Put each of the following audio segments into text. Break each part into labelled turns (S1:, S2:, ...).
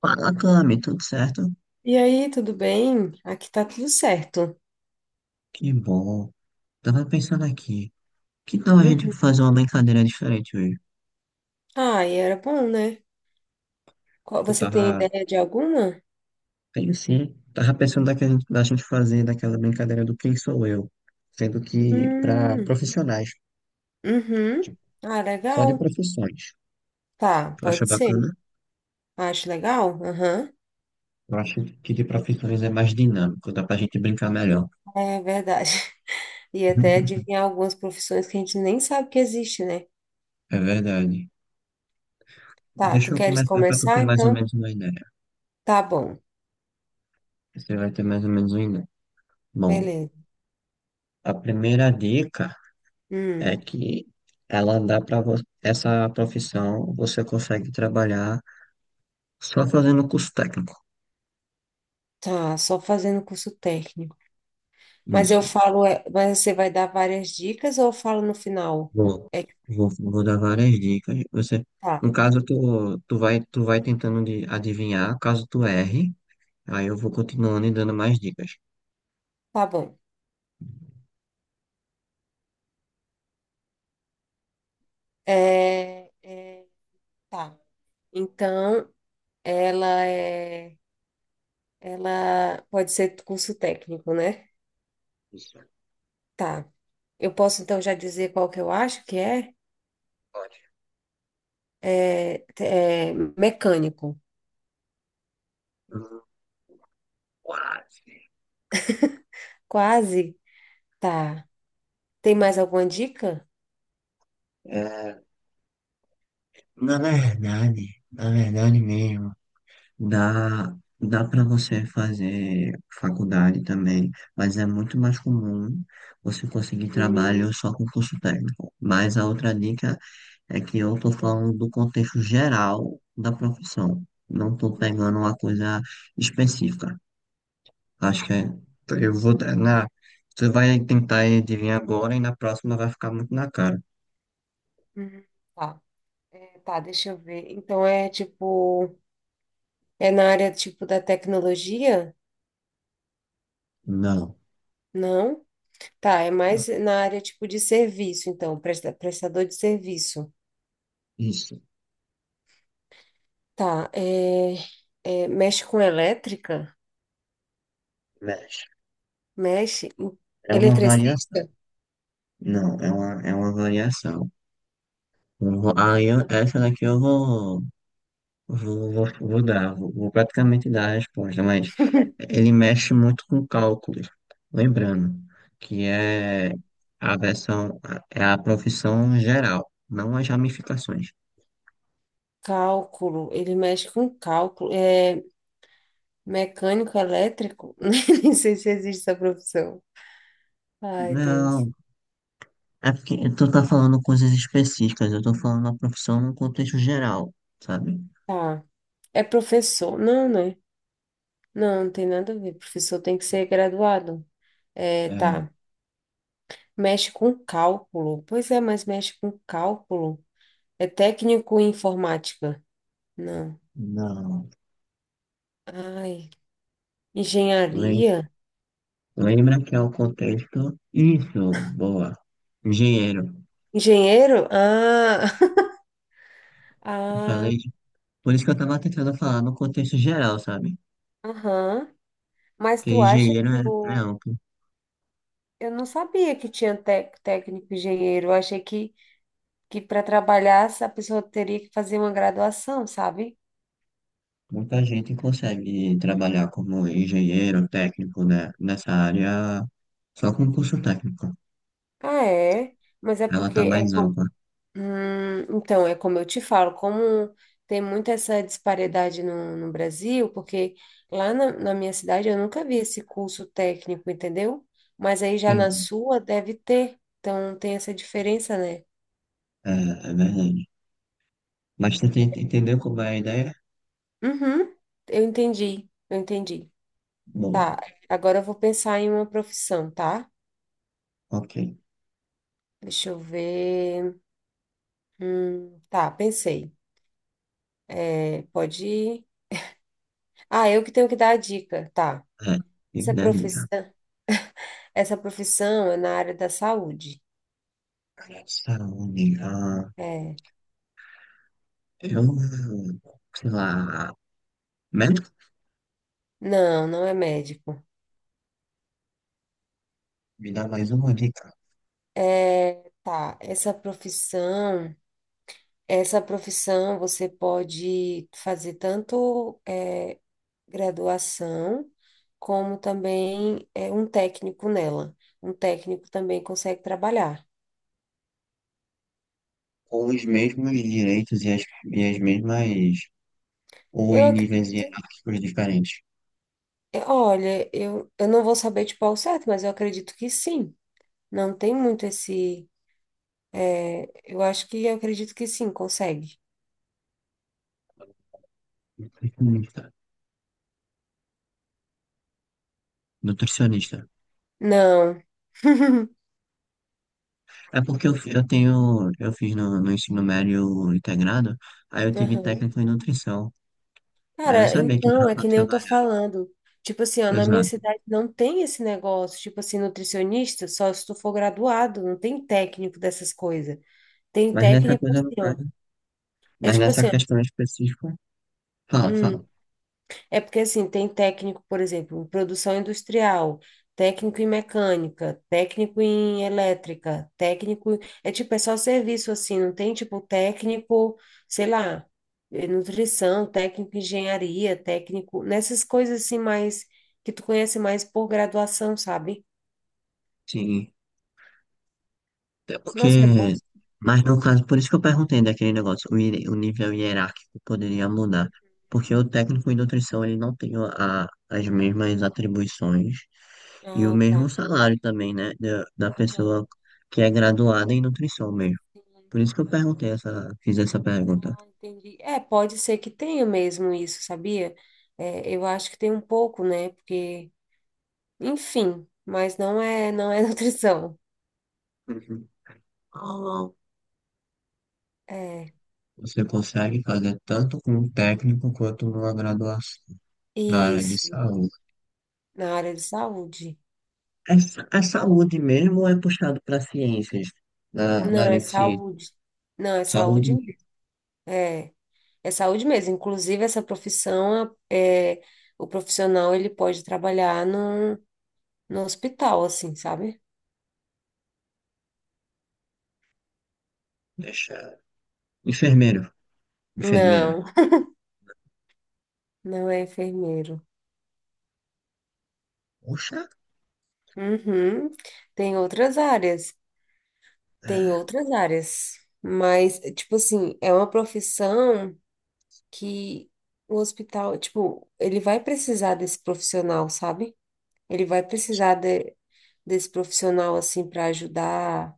S1: Fala, Cami, tudo certo?
S2: E aí, tudo bem? Aqui tá tudo certo.
S1: Que bom. Tava pensando aqui, que tal a gente
S2: Uhum.
S1: fazer uma brincadeira diferente hoje?
S2: Ah, e era bom, né? Qual-
S1: Que Eu
S2: Você tem
S1: tava,
S2: ideia de alguma?
S1: tenho sim, tava pensando da gente fazer daquela brincadeira do Quem Sou Eu, sendo que para
S2: Hum,
S1: profissionais,
S2: uhum.
S1: tipo,
S2: Ah,
S1: só de
S2: legal.
S1: profissões.
S2: Tá,
S1: Tu acha
S2: pode ser.
S1: bacana?
S2: Acho legal. Aham.
S1: Eu acho que de profissões é mais dinâmico, dá pra gente brincar melhor.
S2: É verdade. E até adivinhar algumas profissões que a gente nem sabe que existe, né?
S1: É verdade.
S2: Tá,
S1: Deixa
S2: tu
S1: eu
S2: queres
S1: começar para tu ter
S2: começar?
S1: mais ou
S2: Então,
S1: menos uma ideia.
S2: tá bom.
S1: Você vai ter mais ou menos uma ideia. Bom,
S2: Beleza.
S1: a primeira dica. É
S2: Hum,
S1: que ela dá para Essa profissão, você consegue trabalhar só fazendo curso técnico.
S2: tá, só fazendo curso técnico. Mas eu
S1: Isso.
S2: falo, mas você vai dar várias dicas ou eu falo no final?
S1: Vou,
S2: É que
S1: Vou dar várias dicas. Você,
S2: tá,
S1: no caso, tu vai tentando de adivinhar, caso tu erre, aí eu vou continuando e dando mais dicas.
S2: tá bom. É, é, tá. Então, ela é, ela pode ser curso técnico, né?
S1: Isso.
S2: Tá. Eu posso então já dizer qual que eu acho que é?
S1: Pode.
S2: É mecânico.
S1: Hum, Quase.
S2: Quase. Tá. Tem mais alguma dica?
S1: É, na verdade mesmo. Dá para você fazer faculdade também, mas é muito mais comum você conseguir trabalho
S2: Hum,
S1: só com curso técnico. Mas a outra dica é que eu estou falando do contexto geral da profissão, não estou pegando uma coisa específica. Acho que é- eu vou. Na, Você vai tentar adivinhar agora e na próxima vai ficar muito na cara.
S2: hum, tá. Tá, deixa eu ver. É na área tipo da tecnologia?
S1: Não,
S2: Não? Tá, é
S1: não.
S2: mais na área tipo de serviço, então, prestador de serviço.
S1: Isso,
S2: Tá, mexe com elétrica,
S1: mexe.
S2: mexe,
S1: É uma variação.
S2: eletricista,
S1: Não, é uma variação. Eu vou- Aí eu- Essa daqui eu vou, vou, vou, vou dar, vou, vou praticamente dar a resposta, mas ele mexe muito com cálculos. Lembrando que a versão, é a profissão geral, não as ramificações.
S2: cálculo, ele mexe com cálculo, mecânico elétrico, nem sei se existe essa profissão. Ai, Deus.
S1: Não, é porque tu tá falando coisas específicas, eu tô falando a profissão no contexto geral, sabe?
S2: Tá, é professor, não, né? Não, não tem nada a ver, professor tem que ser graduado. É,
S1: É,
S2: tá, mexe com cálculo, pois é, mas mexe com cálculo. É técnico em informática, não.
S1: não.
S2: Ai,
S1: Lem-
S2: engenharia.
S1: Lembra que é o contexto. Isso, boa. Engenheiro.
S2: Engenheiro?
S1: Eu
S2: Ah,
S1: falei Por isso que eu tava tentando falar no contexto geral, sabe?
S2: aham. Mas
S1: Porque
S2: tu acha que
S1: é
S2: o...
S1: amplo.
S2: Eu não sabia que tinha técnico engenheiro. Eu achei que para trabalhar essa pessoa teria que fazer uma graduação, sabe?
S1: Muita gente consegue trabalhar como engenheiro técnico, né? Nessa área só com curso técnico.
S2: Ah, é? Mas é
S1: Ela
S2: porque
S1: tá
S2: é
S1: mais
S2: com...
S1: ampla.
S2: Então, é como eu te falo, como tem muita essa disparidade no Brasil, porque lá na minha cidade eu nunca vi esse curso técnico, entendeu? Mas aí já na
S1: Sim.
S2: sua deve ter. Então tem essa diferença, né?
S1: É, é verdade. Mas entendeu como é a ideia?
S2: Uhum, eu entendi. Tá,
S1: Boa.
S2: agora eu vou pensar em uma profissão, tá?
S1: Ok.
S2: Deixa eu ver. Tá, pensei. É, pode ir. Ah, eu que tenho que dar a dica, tá.
S1: É. E
S2: Essa
S1: daí, cara?
S2: profissão, essa profissão é na área da saúde.
S1: Cara de saúde. Ah,
S2: É.
S1: eu, sei lá, médico?
S2: Não, não é médico.
S1: Me dá mais uma dica.
S2: É, tá, essa profissão você pode fazer tanto. Graduação, como também é um técnico nela. Um técnico também consegue trabalhar.
S1: Com os mesmos direitos e as mesmas ou
S2: Eu
S1: em níveis
S2: acredito,
S1: hierárquicos diferentes?
S2: olha, eu não vou saber tipo ao certo, mas eu acredito que sim. Não tem muito esse. Eu acho que eu acredito que sim, consegue.
S1: Nutricionista. Nutricionista.
S2: Não.
S1: É porque eu, fi- eu tenho, eu fiz no ensino médio integrado, aí eu tive
S2: Aham.
S1: técnico em nutrição. Aí eu
S2: Cara,
S1: sabia que
S2: então,
S1: dava
S2: é
S1: para
S2: que nem eu tô
S1: trabalhar.
S2: falando. Tipo assim, ó, na minha
S1: Exato.
S2: cidade não tem esse negócio, tipo assim, nutricionista, só se tu for graduado, não tem técnico dessas coisas. Tem
S1: Mas nessa
S2: técnico
S1: coisa, no
S2: assim, ó.
S1: caso,
S2: É
S1: mas
S2: tipo
S1: nessa
S2: assim, ó,
S1: questão específica, fala,
S2: hum,
S1: fala.
S2: é porque assim, tem técnico, por exemplo, em produção industrial, técnico em mecânica, técnico em elétrica, técnico. É tipo, é só serviço assim, não tem tipo técnico, sei lá, nutrição, técnico em engenharia, técnico, nessas coisas assim mais que tu conhece mais por graduação, sabe?
S1: Sim. Até
S2: Nossa, é bom.
S1: porque, mas no caso, por isso que eu perguntei daquele negócio, o nível hierárquico poderia mudar, porque o técnico em nutrição ele não tem as mesmas atribuições e o
S2: Ah,
S1: mesmo
S2: tá.
S1: salário também, né, da
S2: Aham.
S1: pessoa que é graduada em nutrição mesmo.
S2: Sim.
S1: Por isso que eu
S2: Aham.
S1: perguntei fiz essa pergunta.
S2: Entendi. É, pode ser que tenha mesmo isso, sabia? É, eu acho que tem um pouco, né? Porque, enfim, não é nutrição.
S1: Uhum. Qual
S2: É,
S1: Você consegue fazer tanto com um técnico quanto numa graduação da área de
S2: isso,
S1: saúde.
S2: na área de saúde.
S1: A saúde mesmo é puxado para ciências, na
S2: Não,
S1: área
S2: é
S1: de ciência.
S2: saúde. Não, é
S1: Saúde,
S2: saúde mesmo. É, É saúde mesmo. Inclusive, essa profissão, o profissional, ele pode trabalhar no hospital, assim, sabe?
S1: deixa. Enfermeiro, enfermeira.
S2: Não, não é enfermeiro.
S1: Poxa,
S2: Uhum. Tem outras áreas. Tem
S1: é.
S2: outras áreas, mas, tipo assim, é uma profissão que o hospital, tipo, ele vai precisar desse profissional, sabe? Ele vai precisar de- desse profissional, assim, para ajudar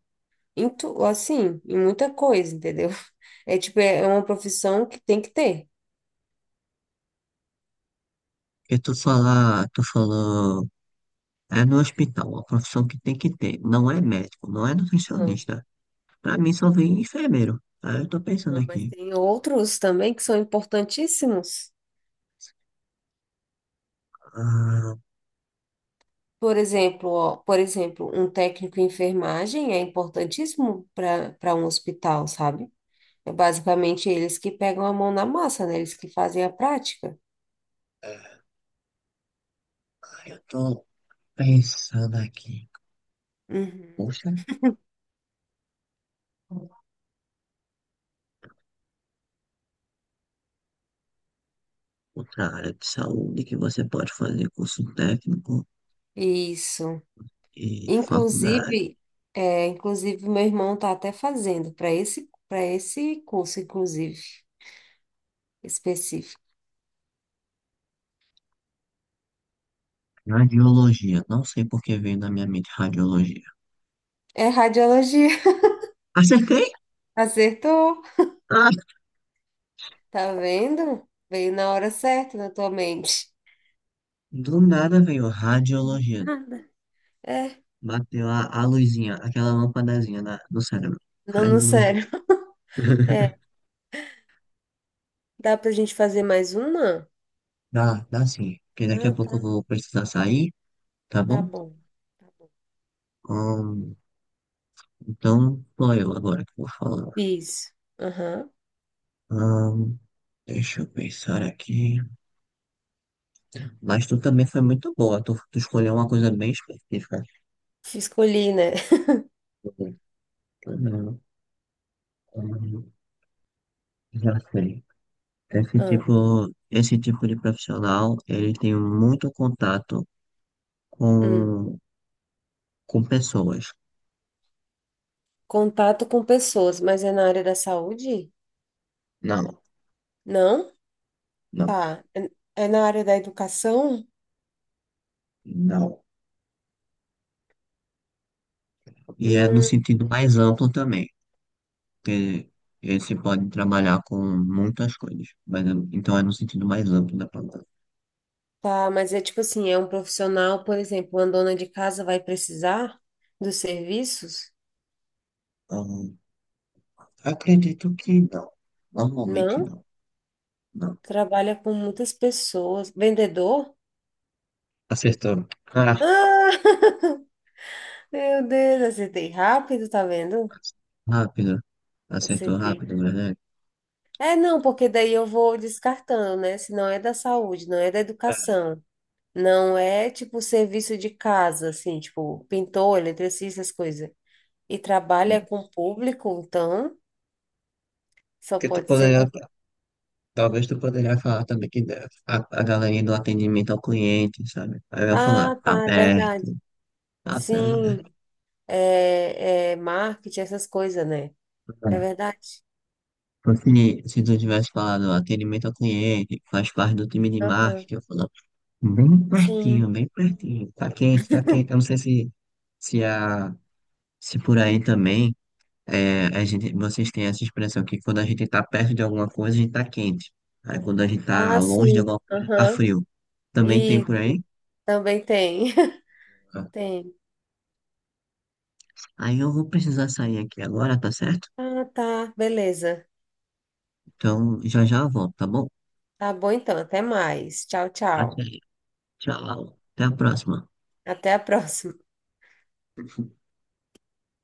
S2: em tu, assim, em muita coisa, entendeu? É tipo, é uma profissão que tem que ter.
S1: Porque tu falou, é no hospital, a profissão que tem que ter. Não é médico, não é
S2: Não,
S1: nutricionista. Pra mim só vem enfermeiro. Aí eu tô pensando
S2: não,
S1: aqui.
S2: mas tem outros também que são importantíssimos.
S1: Ah,
S2: Por exemplo, ó, por exemplo, um técnico em enfermagem é importantíssimo para um hospital, sabe? É basicamente eles que pegam a mão na massa, né? Eles que fazem a prática.
S1: é. Ah, eu tô pensando aqui.
S2: Uhum.
S1: Poxa, outra área de saúde que você pode fazer curso técnico
S2: Isso.
S1: e faculdade.
S2: Inclusive, inclusive meu irmão tá até fazendo para esse curso, inclusive, específico.
S1: Radiologia. Não sei por que veio na minha mente radiologia.
S2: É radiologia.
S1: Acertei?
S2: Acertou.
S1: Ah,
S2: Tá vendo? Veio na hora certa na tua mente.
S1: do nada veio radiologia.
S2: Nada. É.
S1: Bateu a luzinha, aquela lâmpadazinha no cérebro.
S2: Não, não,
S1: Radiologia.
S2: sério. É. Dá pra gente fazer mais uma?
S1: Dá sim. Porque daqui a
S2: Ah,
S1: pouco eu
S2: tá.
S1: vou precisar sair, tá
S2: Tá
S1: bom?
S2: bom. Tá bom.
S1: Ahn, então, sou eu agora que vou falar.
S2: Isso. Aham.
S1: Ahn, deixa eu pensar aqui. Mas tu também foi muito boa. Tu escolheu uma coisa bem específica.
S2: Escolhi, né?
S1: Ahn, ahn, Já sei. Esse
S2: Ah,
S1: tipo, Esse tipo de profissional, ele tem muito contato
S2: hum.
S1: com, com pessoas.
S2: Contato com pessoas, mas é na área da saúde?
S1: Não,
S2: Não?
S1: não,
S2: Tá. É na área da educação?
S1: não. E é no
S2: Hum,
S1: sentido mais amplo também, que esse pode trabalhar com muitas coisas, então é no sentido mais amplo da palavra.
S2: tá, mas é tipo assim, é um profissional, por exemplo, uma dona de casa vai precisar dos serviços?
S1: Hum, acredito que não. Normalmente
S2: Não?
S1: não, não.
S2: Trabalha com muitas pessoas. Vendedor?
S1: Acertou. Ah,
S2: Ah! Meu Deus, acertei rápido, tá vendo?
S1: rápido. Acertou
S2: Acertei.
S1: rápido, né?
S2: É, não, porque daí eu vou descartando, né? Se não é da saúde, não é da
S1: É.
S2: educação. Não é tipo serviço de casa, assim, tipo pintor, eletricista, essas coisas. E trabalha com público, então só
S1: Porque tu
S2: pode ser.
S1: poderia Talvez tu poderia falar também a galerinha do atendimento ao cliente, sabe? Aí vai falar,
S2: Ah,
S1: tá
S2: tá, é
S1: aberto,
S2: verdade.
S1: tá aberto.
S2: Sim, é marketing, essas coisas, né? É
S1: É.
S2: verdade?
S1: Então, se tu tivesse falado atendimento ao cliente, faz parte do time de
S2: Aham,
S1: marketing, eu falo,
S2: Sim.
S1: bem pertinho, tá quente, tá quente. Eu não sei se, a, se por aí também é, a gente, vocês têm essa expressão que quando a gente tá perto de alguma coisa, a gente tá quente. Aí quando a gente tá
S2: Ah,
S1: longe de
S2: sim.
S1: alguma coisa, tá
S2: Aham.
S1: frio. Também tem
S2: E
S1: por aí?
S2: também tem. Tem.
S1: Aí eu vou precisar sair aqui agora, tá certo?
S2: Ah, tá, beleza.
S1: Então já já eu volto, tá bom?
S2: Tá bom então, até mais. Tchau,
S1: Até
S2: tchau.
S1: aí. Tchau. Até a próxima.
S2: Até a próxima.